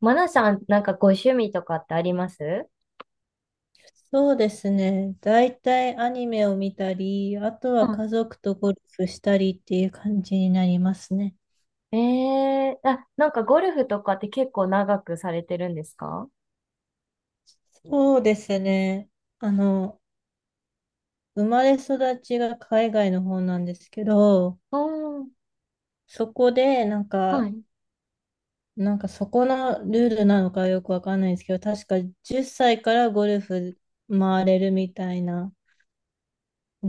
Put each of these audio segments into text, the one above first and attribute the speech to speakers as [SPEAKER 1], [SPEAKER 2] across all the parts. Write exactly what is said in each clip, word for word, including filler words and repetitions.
[SPEAKER 1] マナさん、なんかご趣味とかってあります？
[SPEAKER 2] そうですね。大体アニメを見たり、あとは家
[SPEAKER 1] は
[SPEAKER 2] 族とゴルフしたりっていう感じになりますね。
[SPEAKER 1] い、ええー、あ、なんかゴルフとかって結構長くされてるんですか？
[SPEAKER 2] そうですね。あの、生まれ育ちが海外の方なんですけど、
[SPEAKER 1] おー、
[SPEAKER 2] そこでなん
[SPEAKER 1] は
[SPEAKER 2] か、
[SPEAKER 1] い。
[SPEAKER 2] なんかそこのルールなのかよくわかんないんですけど、確かじゅっさいからゴルフ回れるみたいな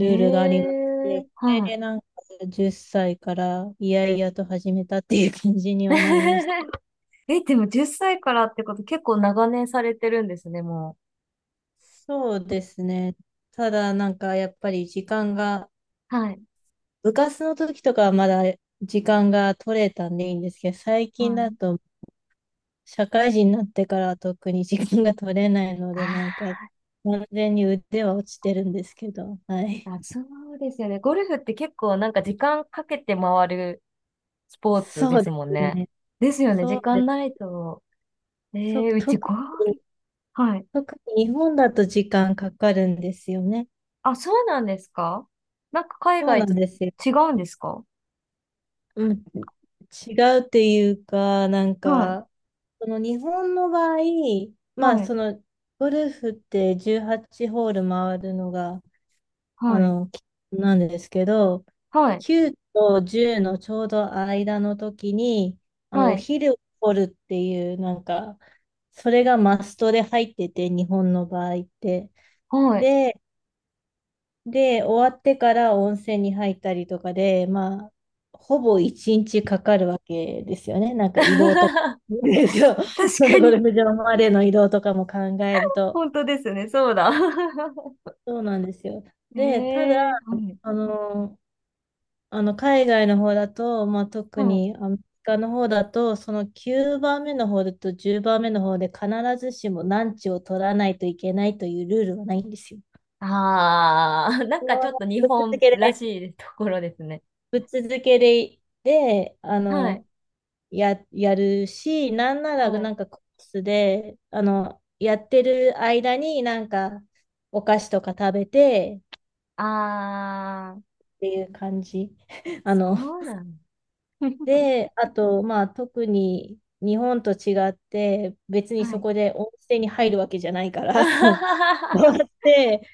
[SPEAKER 1] え
[SPEAKER 2] ールがありまし
[SPEAKER 1] えー、
[SPEAKER 2] て、それ
[SPEAKER 1] は
[SPEAKER 2] でなんかじゅっさいからいやいやと始めたっていう感じにはなります。
[SPEAKER 1] い。え、でもじゅっさいからってこと結構長年されてるんですね、も
[SPEAKER 2] そうですね。ただなんかやっぱり時間が、
[SPEAKER 1] う。はい。
[SPEAKER 2] 部活の時とかはまだ時間が取れたんでいいんですけど、最
[SPEAKER 1] は
[SPEAKER 2] 近だ
[SPEAKER 1] い。
[SPEAKER 2] と社会人になってからは特に時間が取れないので、なん
[SPEAKER 1] あ
[SPEAKER 2] か完全に腕は落ちてるんですけど、は
[SPEAKER 1] ー、
[SPEAKER 2] い。
[SPEAKER 1] あ、そうですよね。ゴルフって結構なんか時間かけて回るスポーツ
[SPEAKER 2] そ
[SPEAKER 1] で
[SPEAKER 2] う
[SPEAKER 1] す
[SPEAKER 2] で
[SPEAKER 1] もん
[SPEAKER 2] す
[SPEAKER 1] ね。
[SPEAKER 2] ね。
[SPEAKER 1] ですよね、
[SPEAKER 2] そ
[SPEAKER 1] 時
[SPEAKER 2] うで
[SPEAKER 1] 間
[SPEAKER 2] す。
[SPEAKER 1] ないと。え
[SPEAKER 2] そ、
[SPEAKER 1] ー、うちゴ
[SPEAKER 2] 特
[SPEAKER 1] ー
[SPEAKER 2] に、
[SPEAKER 1] ル、はい、
[SPEAKER 2] 特に日本だと時間かかるんですよね。
[SPEAKER 1] あ、そうなんですか？なんか海
[SPEAKER 2] そう
[SPEAKER 1] 外
[SPEAKER 2] な
[SPEAKER 1] と
[SPEAKER 2] んですよ。
[SPEAKER 1] 違うんですか？
[SPEAKER 2] うん、違うっていうか、なん
[SPEAKER 1] はい、
[SPEAKER 2] か、その日本の場合、まあ、
[SPEAKER 1] はい、
[SPEAKER 2] その、ゴルフってじゅうはちホール回るのが、あ
[SPEAKER 1] はい、
[SPEAKER 2] の、きなんですけど、
[SPEAKER 1] はい、
[SPEAKER 2] きゅうとじゅうのちょうど間の時に、あの、
[SPEAKER 1] は
[SPEAKER 2] お
[SPEAKER 1] い、
[SPEAKER 2] 昼を取るっていう、なんか、それがマストで入ってて、日本の場合って。
[SPEAKER 1] はい。
[SPEAKER 2] で、で、終わってから温泉に入ったりとかで、まあ、ほぼ一日かかるわけですよね。なんか移動とか。そう、
[SPEAKER 1] 確
[SPEAKER 2] そ
[SPEAKER 1] か
[SPEAKER 2] のゴ
[SPEAKER 1] に、
[SPEAKER 2] ルフ場までの移動とかも考えると。
[SPEAKER 1] 本当ですね、そうだ。
[SPEAKER 2] そうなんですよ。で、ただ、
[SPEAKER 1] ええ、はい、
[SPEAKER 2] あの、あの海外の方だと、まあ、
[SPEAKER 1] は
[SPEAKER 2] 特
[SPEAKER 1] い。
[SPEAKER 2] にアメリカの方だと、そのきゅうばんめの方だとじゅうばんめの方で必ずしもランチを取らないといけないというルールはないんですよ。
[SPEAKER 1] ああ、なんかちょっと日
[SPEAKER 2] ぶっ続
[SPEAKER 1] 本
[SPEAKER 2] け
[SPEAKER 1] ら
[SPEAKER 2] で、
[SPEAKER 1] しいところですね。
[SPEAKER 2] ぶっ続けで、で、あ
[SPEAKER 1] はい、
[SPEAKER 2] の、や、やるし、なんなら
[SPEAKER 1] は
[SPEAKER 2] な
[SPEAKER 1] い。
[SPEAKER 2] んかコースで、あの、やってる間になんかお菓子とか食べて
[SPEAKER 1] ああ、
[SPEAKER 2] っていう感じ。あ
[SPEAKER 1] そ
[SPEAKER 2] の、
[SPEAKER 1] うなの。
[SPEAKER 2] で、あと、まあ特に日本と違って、別に
[SPEAKER 1] は
[SPEAKER 2] そ
[SPEAKER 1] い。
[SPEAKER 2] こで温泉に入るわけじゃないから、そうやっ て、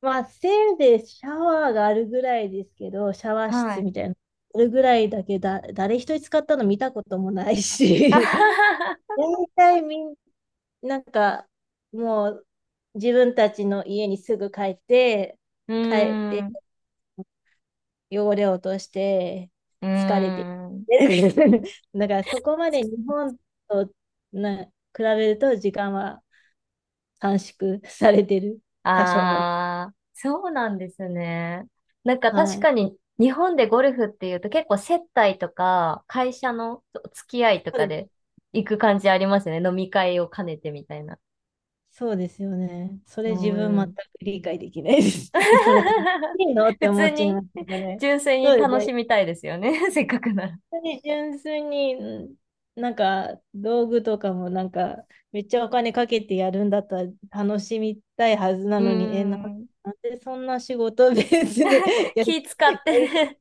[SPEAKER 2] まあせいぜいシャワーがあるぐらいですけど、シャワー
[SPEAKER 1] は
[SPEAKER 2] 室
[SPEAKER 1] い。
[SPEAKER 2] みたいな。あるぐらいだけだ、誰一人使ったの見たこともないし、大体みんなんか、もう自分たちの家にすぐ帰って、
[SPEAKER 1] うー
[SPEAKER 2] 帰って
[SPEAKER 1] ん、
[SPEAKER 2] 汚れを落として
[SPEAKER 1] うー
[SPEAKER 2] 疲れて。
[SPEAKER 1] ん。
[SPEAKER 2] だからそこまで日本とな比べると時間は短縮されてる、多少は。
[SPEAKER 1] ああ、そうなんですね。なんか
[SPEAKER 2] は
[SPEAKER 1] 確
[SPEAKER 2] い。
[SPEAKER 1] かに日本でゴルフっていうと結構接待とか会社のお付き合いと
[SPEAKER 2] そ
[SPEAKER 1] か
[SPEAKER 2] うです。
[SPEAKER 1] で行く感じありますよね。飲み会を兼ねてみたいな。
[SPEAKER 2] そうですよね。それ
[SPEAKER 1] う
[SPEAKER 2] 自分全く
[SPEAKER 1] ん。
[SPEAKER 2] 理解できないです。え、それ楽し いのっ
[SPEAKER 1] 普
[SPEAKER 2] て思
[SPEAKER 1] 通
[SPEAKER 2] っちゃい
[SPEAKER 1] に
[SPEAKER 2] ますけどね。
[SPEAKER 1] 純粋
[SPEAKER 2] そ
[SPEAKER 1] に
[SPEAKER 2] うです
[SPEAKER 1] 楽し
[SPEAKER 2] ね。
[SPEAKER 1] みたいですよね。せっかくなら。
[SPEAKER 2] 本当に純粋に、なんか道具とかもなんかめっちゃお金かけてやるんだったら楽しみたいはずな
[SPEAKER 1] う
[SPEAKER 2] のに、え、な、
[SPEAKER 1] ん。
[SPEAKER 2] なんでそんな仕事ベースで やり、
[SPEAKER 1] 気使
[SPEAKER 2] や
[SPEAKER 1] って
[SPEAKER 2] りた
[SPEAKER 1] ね。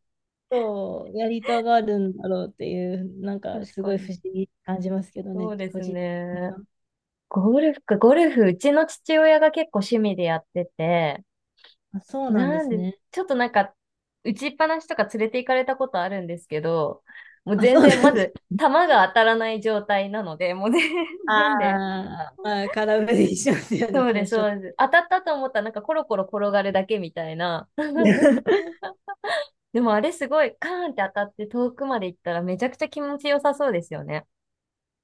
[SPEAKER 2] そうやりたがるんだろうっていう、なん か
[SPEAKER 1] 確
[SPEAKER 2] すご
[SPEAKER 1] か
[SPEAKER 2] い
[SPEAKER 1] に。
[SPEAKER 2] 不思議に感じますけど
[SPEAKER 1] そ
[SPEAKER 2] ね、
[SPEAKER 1] うで
[SPEAKER 2] 個
[SPEAKER 1] す
[SPEAKER 2] 人的に
[SPEAKER 1] ね。
[SPEAKER 2] は。
[SPEAKER 1] ゴルフか、ゴルフ、うちの父親が結構趣味でやってて、
[SPEAKER 2] あ、そうなんで
[SPEAKER 1] なん
[SPEAKER 2] す
[SPEAKER 1] で、
[SPEAKER 2] ね。
[SPEAKER 1] ちょっとなんか、打ちっぱなしとか連れて行かれたことあるんですけど、もう
[SPEAKER 2] あ、そ
[SPEAKER 1] 全
[SPEAKER 2] うな
[SPEAKER 1] 然、ま
[SPEAKER 2] んです。
[SPEAKER 1] ず、球が当たらない状態なので、もうね。
[SPEAKER 2] あ
[SPEAKER 1] 全然で、
[SPEAKER 2] ーまあ、空振りしますよね、
[SPEAKER 1] そうで
[SPEAKER 2] 最
[SPEAKER 1] す、
[SPEAKER 2] 初。
[SPEAKER 1] そうです。当たったと思ったら、なんかコロコロ転がるだけみたいな。でもあれすごい、カーンって当たって遠くまで行ったらめちゃくちゃ気持ちよさそうですよね。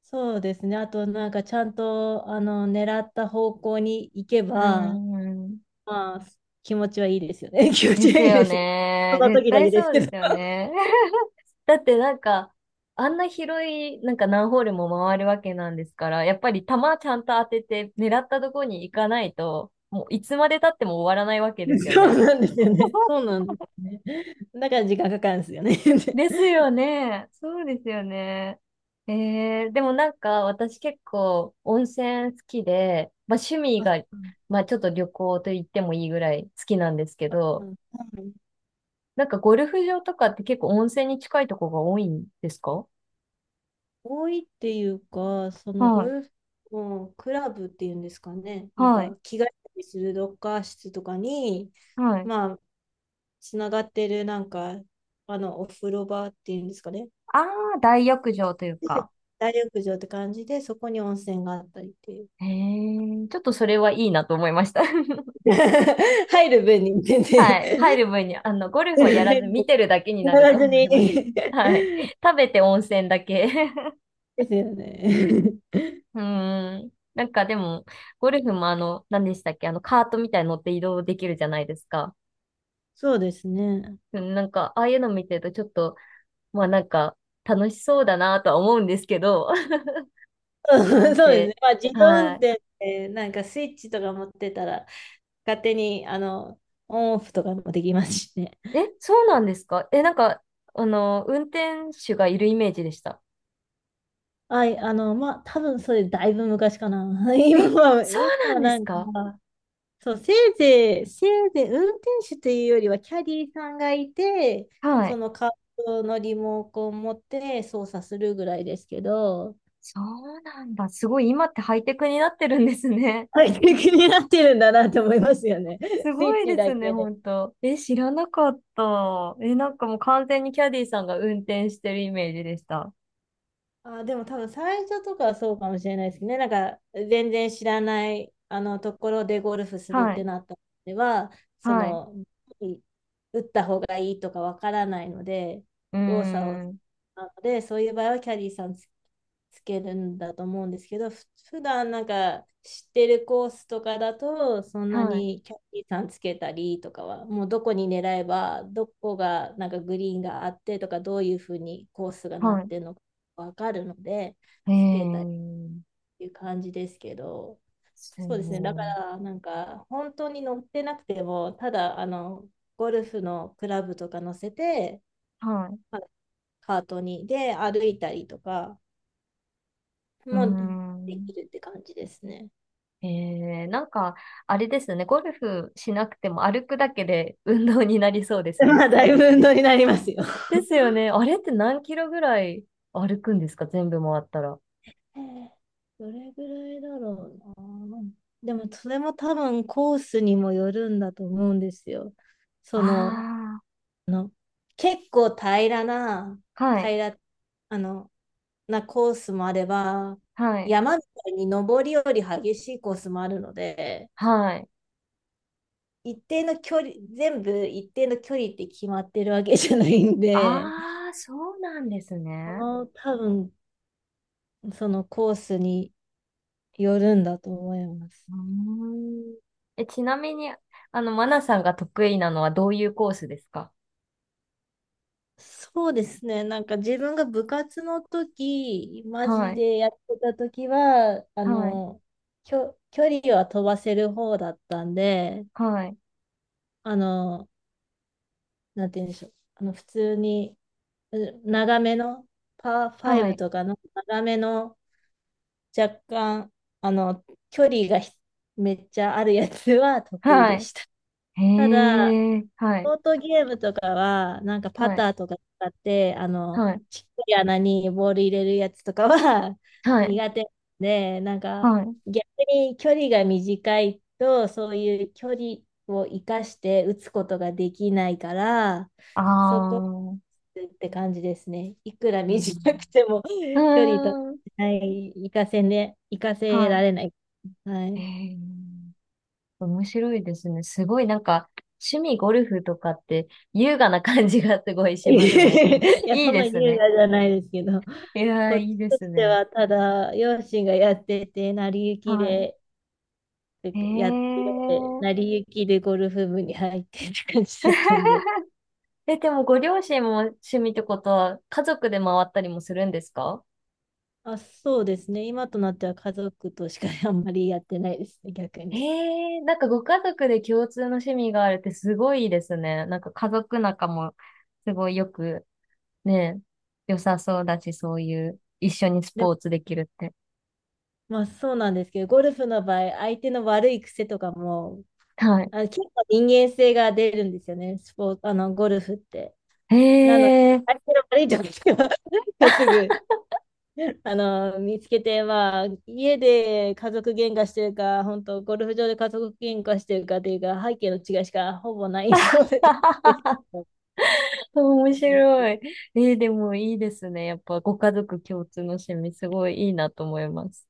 [SPEAKER 2] そうですね。あと、なんかちゃんと、あの、狙った方向に行け
[SPEAKER 1] うー
[SPEAKER 2] ば、
[SPEAKER 1] ん。
[SPEAKER 2] まあ、気持ちはいいですよね。気持
[SPEAKER 1] で
[SPEAKER 2] ち
[SPEAKER 1] す
[SPEAKER 2] はいい
[SPEAKER 1] よ
[SPEAKER 2] ですよ。そ
[SPEAKER 1] ね。
[SPEAKER 2] の
[SPEAKER 1] 絶
[SPEAKER 2] 時だ
[SPEAKER 1] 対
[SPEAKER 2] けです
[SPEAKER 1] そう
[SPEAKER 2] け
[SPEAKER 1] で
[SPEAKER 2] ど。
[SPEAKER 1] すよね。だってなんか、あんな広い、なんか何ホールも回るわけなんですから、やっぱり球ちゃんと当てて狙ったとこに行かないと、もういつまで経っても終わらないわけです よ
[SPEAKER 2] そう
[SPEAKER 1] ね。
[SPEAKER 2] なんですよね。そう なんですね。だから時間かかるんですよね。
[SPEAKER 1] ですよね。そうですよね。えー、でもなんか私結構温泉好きで、まあ趣味
[SPEAKER 2] あ、そ
[SPEAKER 1] が、
[SPEAKER 2] う
[SPEAKER 1] まあちょっと旅行と言ってもいいぐらい好きなんですけ
[SPEAKER 2] うん
[SPEAKER 1] ど、
[SPEAKER 2] はい
[SPEAKER 1] なんかゴルフ場とかって結構温泉に近いとこが多いんですか？
[SPEAKER 2] 多いっていうか、その
[SPEAKER 1] は
[SPEAKER 2] ゴ
[SPEAKER 1] い、
[SPEAKER 2] ルフのクラブっていうんですかね。なん
[SPEAKER 1] はい、
[SPEAKER 2] か、着替えたりするロッカー室とかに、
[SPEAKER 1] はい。
[SPEAKER 2] まあ、つながってるなんか、あの、お風呂場っていうんですかね。
[SPEAKER 1] ああ、大浴場というか。
[SPEAKER 2] 大浴場って感じで、そこに温泉があったりっていう。
[SPEAKER 1] へえ、ちょっとそれはいいなと思いました。
[SPEAKER 2] 入る分に全然
[SPEAKER 1] はい。入る分に、あの、ゴルフはやらず見てるだけに
[SPEAKER 2] や
[SPEAKER 1] なる
[SPEAKER 2] ら
[SPEAKER 1] と
[SPEAKER 2] ず
[SPEAKER 1] 思
[SPEAKER 2] に
[SPEAKER 1] います。
[SPEAKER 2] で
[SPEAKER 1] はい。食べて温泉だけ。
[SPEAKER 2] すよね。
[SPEAKER 1] うーん。なんかでも、ゴルフもあの、何でしたっけ、あの、カートみたいに乗って移動できるじゃないですか。
[SPEAKER 2] そうですね。
[SPEAKER 1] うん、なんか、ああいうの見てるとちょっと、まあなんか、楽しそうだなとは思うんですけど、な
[SPEAKER 2] うん
[SPEAKER 1] ん
[SPEAKER 2] そうです
[SPEAKER 1] せ、
[SPEAKER 2] ね。まあ、自動運
[SPEAKER 1] は
[SPEAKER 2] 転ってなんかスイッチとか持ってたら、勝手にあのオンオフとかもできますしね。
[SPEAKER 1] い。え、そうなんですか？え、なんか、あの、運転手がいるイメージでした。
[SPEAKER 2] はい、あの、まあ、多分それだいぶ昔かな。
[SPEAKER 1] え、
[SPEAKER 2] 今は、
[SPEAKER 1] そう
[SPEAKER 2] 今
[SPEAKER 1] な
[SPEAKER 2] は
[SPEAKER 1] んで
[SPEAKER 2] な
[SPEAKER 1] す
[SPEAKER 2] ん
[SPEAKER 1] か？
[SPEAKER 2] か、そう、せいぜい、せいぜい運転手というよりはキャディーさんがいて、
[SPEAKER 1] は
[SPEAKER 2] そ
[SPEAKER 1] い。
[SPEAKER 2] のカートのリモコンを持って操作するぐらいですけど、
[SPEAKER 1] そうなんだ。すごい、今ってハイテクになってるんですね。
[SPEAKER 2] はい、気になってるんだなと思いますよ ね。
[SPEAKER 1] す
[SPEAKER 2] スイ
[SPEAKER 1] ご
[SPEAKER 2] ッ
[SPEAKER 1] い
[SPEAKER 2] チ
[SPEAKER 1] で
[SPEAKER 2] だ
[SPEAKER 1] すね、
[SPEAKER 2] け
[SPEAKER 1] ほ
[SPEAKER 2] で。
[SPEAKER 1] んと。え、知らなかった。え、なんかもう完全にキャディーさんが運転してるイメージでした。
[SPEAKER 2] あ、でも多分最初とかはそうかもしれないですね。なんか全然知らないあのところでゴルフするっ
[SPEAKER 1] は
[SPEAKER 2] て
[SPEAKER 1] い。
[SPEAKER 2] なったのでは、そ
[SPEAKER 1] はい。
[SPEAKER 2] の、打った方がいいとかわからないので、
[SPEAKER 1] うー
[SPEAKER 2] 動作を、
[SPEAKER 1] ん。
[SPEAKER 2] なので、そういう場合はキャディーさんつ、つけるんだと思うんですけど、ふ普段なんか知ってるコースとかだと、そんな
[SPEAKER 1] はい。
[SPEAKER 2] にキャディーさんつけたりとかは、もうどこに狙えば、どこがなんかグリーンがあってとか、どういうふうにコースがなっ
[SPEAKER 1] は
[SPEAKER 2] てるのか。わかるので、
[SPEAKER 1] い。え
[SPEAKER 2] つけたっ
[SPEAKER 1] ー、
[SPEAKER 2] ていう感じですけど、
[SPEAKER 1] す
[SPEAKER 2] そうですね、だか
[SPEAKER 1] ごい。
[SPEAKER 2] らなんか本当に乗ってなくても、ただあのゴルフのクラブとか乗せて、
[SPEAKER 1] はい。
[SPEAKER 2] カートにで歩いたりとか
[SPEAKER 1] うー
[SPEAKER 2] もでき
[SPEAKER 1] ん。
[SPEAKER 2] るって感じですね。
[SPEAKER 1] ええ、なんか、あれですね。ゴルフしなくても歩くだけで運動になりそうで す
[SPEAKER 2] ま
[SPEAKER 1] ね。
[SPEAKER 2] あ、だいぶ運動になりますよ。
[SPEAKER 1] ですよね。あれって何キロぐらい歩くんですか？全部回ったら。
[SPEAKER 2] えーどれぐらいだろうな。でもそれも多分コースにもよるんだと思うんですよ。その
[SPEAKER 1] あ
[SPEAKER 2] あの、結構平らな、
[SPEAKER 1] あ、はい、
[SPEAKER 2] 平ら、あの、なコースもあれば、
[SPEAKER 1] はい、
[SPEAKER 2] 山みたいに登りより激しいコースもあるので、
[SPEAKER 1] はい。
[SPEAKER 2] 一定の距離、全部一定の距離って決まってるわけじゃないんで、
[SPEAKER 1] ああ、そうなんです
[SPEAKER 2] こ
[SPEAKER 1] ね。
[SPEAKER 2] の多分、そのコースによるんだと思います。
[SPEAKER 1] うーん。え、ちなみに、あの、マナさんが得意なのはどういうコースですか？
[SPEAKER 2] そうですね。なんか自分が部活の時、マ
[SPEAKER 1] は
[SPEAKER 2] ジ
[SPEAKER 1] い、
[SPEAKER 2] でやってた時は、あ
[SPEAKER 1] はい、
[SPEAKER 2] の、きょ、距離は飛ばせる方だったんで、
[SPEAKER 1] はい、
[SPEAKER 2] あの、なんて言うんでしょう。あの、普通に、う長めの、パー
[SPEAKER 1] は
[SPEAKER 2] ファイブ
[SPEAKER 1] い、
[SPEAKER 2] とかの長めの、若干、あの、距離がひめっちゃあるやつは得意
[SPEAKER 1] は
[SPEAKER 2] で
[SPEAKER 1] い。
[SPEAKER 2] した。ただ、
[SPEAKER 1] へえ、は
[SPEAKER 2] シ
[SPEAKER 1] い、
[SPEAKER 2] ョートゲームとかは、なんかパ
[SPEAKER 1] はい、
[SPEAKER 2] ターとか使って、あの、
[SPEAKER 1] はい、
[SPEAKER 2] ちっこい穴にボール入れるやつとかは
[SPEAKER 1] はい。
[SPEAKER 2] 苦手で、なんか
[SPEAKER 1] はい、
[SPEAKER 2] 逆に距離が短いと、そういう距離を生かして打つことができないから、
[SPEAKER 1] あ
[SPEAKER 2] そこ
[SPEAKER 1] あ、
[SPEAKER 2] って感じですね。いくら
[SPEAKER 1] え
[SPEAKER 2] 短く
[SPEAKER 1] ー、
[SPEAKER 2] ても
[SPEAKER 1] う
[SPEAKER 2] 距離と、
[SPEAKER 1] ーん、
[SPEAKER 2] はい、生かせね、生かせ
[SPEAKER 1] は
[SPEAKER 2] られない。は
[SPEAKER 1] い。え
[SPEAKER 2] い。
[SPEAKER 1] ー、面白いですね。すごいなんか、趣味ゴルフとかって優雅な感じがすごいしますね。
[SPEAKER 2] い や、
[SPEAKER 1] いい
[SPEAKER 2] そん
[SPEAKER 1] で
[SPEAKER 2] な
[SPEAKER 1] す
[SPEAKER 2] 優
[SPEAKER 1] ね。
[SPEAKER 2] 雅じゃないですけど、
[SPEAKER 1] いやー、
[SPEAKER 2] こっち
[SPEAKER 1] いいで
[SPEAKER 2] と
[SPEAKER 1] す
[SPEAKER 2] して
[SPEAKER 1] ね。
[SPEAKER 2] は、ただ、両親がやってて、成り行き
[SPEAKER 1] は
[SPEAKER 2] で、
[SPEAKER 1] い。え
[SPEAKER 2] やって、
[SPEAKER 1] ー、
[SPEAKER 2] 成り行きでゴルフ部に入ってって感じだったんで。
[SPEAKER 1] え、でもご両親も趣味ってことは家族で回ったりもするんですか？
[SPEAKER 2] あ、そうですね。今となっては家族としか あんまりやってないですね、逆
[SPEAKER 1] え
[SPEAKER 2] に。
[SPEAKER 1] ー、なんかご家族で共通の趣味があるってすごいいいですね。なんか家族仲もすごいよくね、え、良さそうだし、そういう、一緒にス
[SPEAKER 2] でも、
[SPEAKER 1] ポーツできるって。
[SPEAKER 2] まあそうなんですけど、ゴルフの場合、相手の悪い癖とかも、
[SPEAKER 1] はい。
[SPEAKER 2] あ、結構人間性が出るんですよね、スポーツ、あの、ゴルフって。
[SPEAKER 1] へ
[SPEAKER 2] なので、
[SPEAKER 1] え、
[SPEAKER 2] 相手の悪いところは すぐ あの、見つけて、まあ、家で家族喧嘩してるか、本当ゴルフ場で家族喧嘩してるかというか、背景の違いしかほぼない印象です。
[SPEAKER 1] 面白い。えーでもいいですね。やっぱご家族共通の趣味、すごいいいなと思います。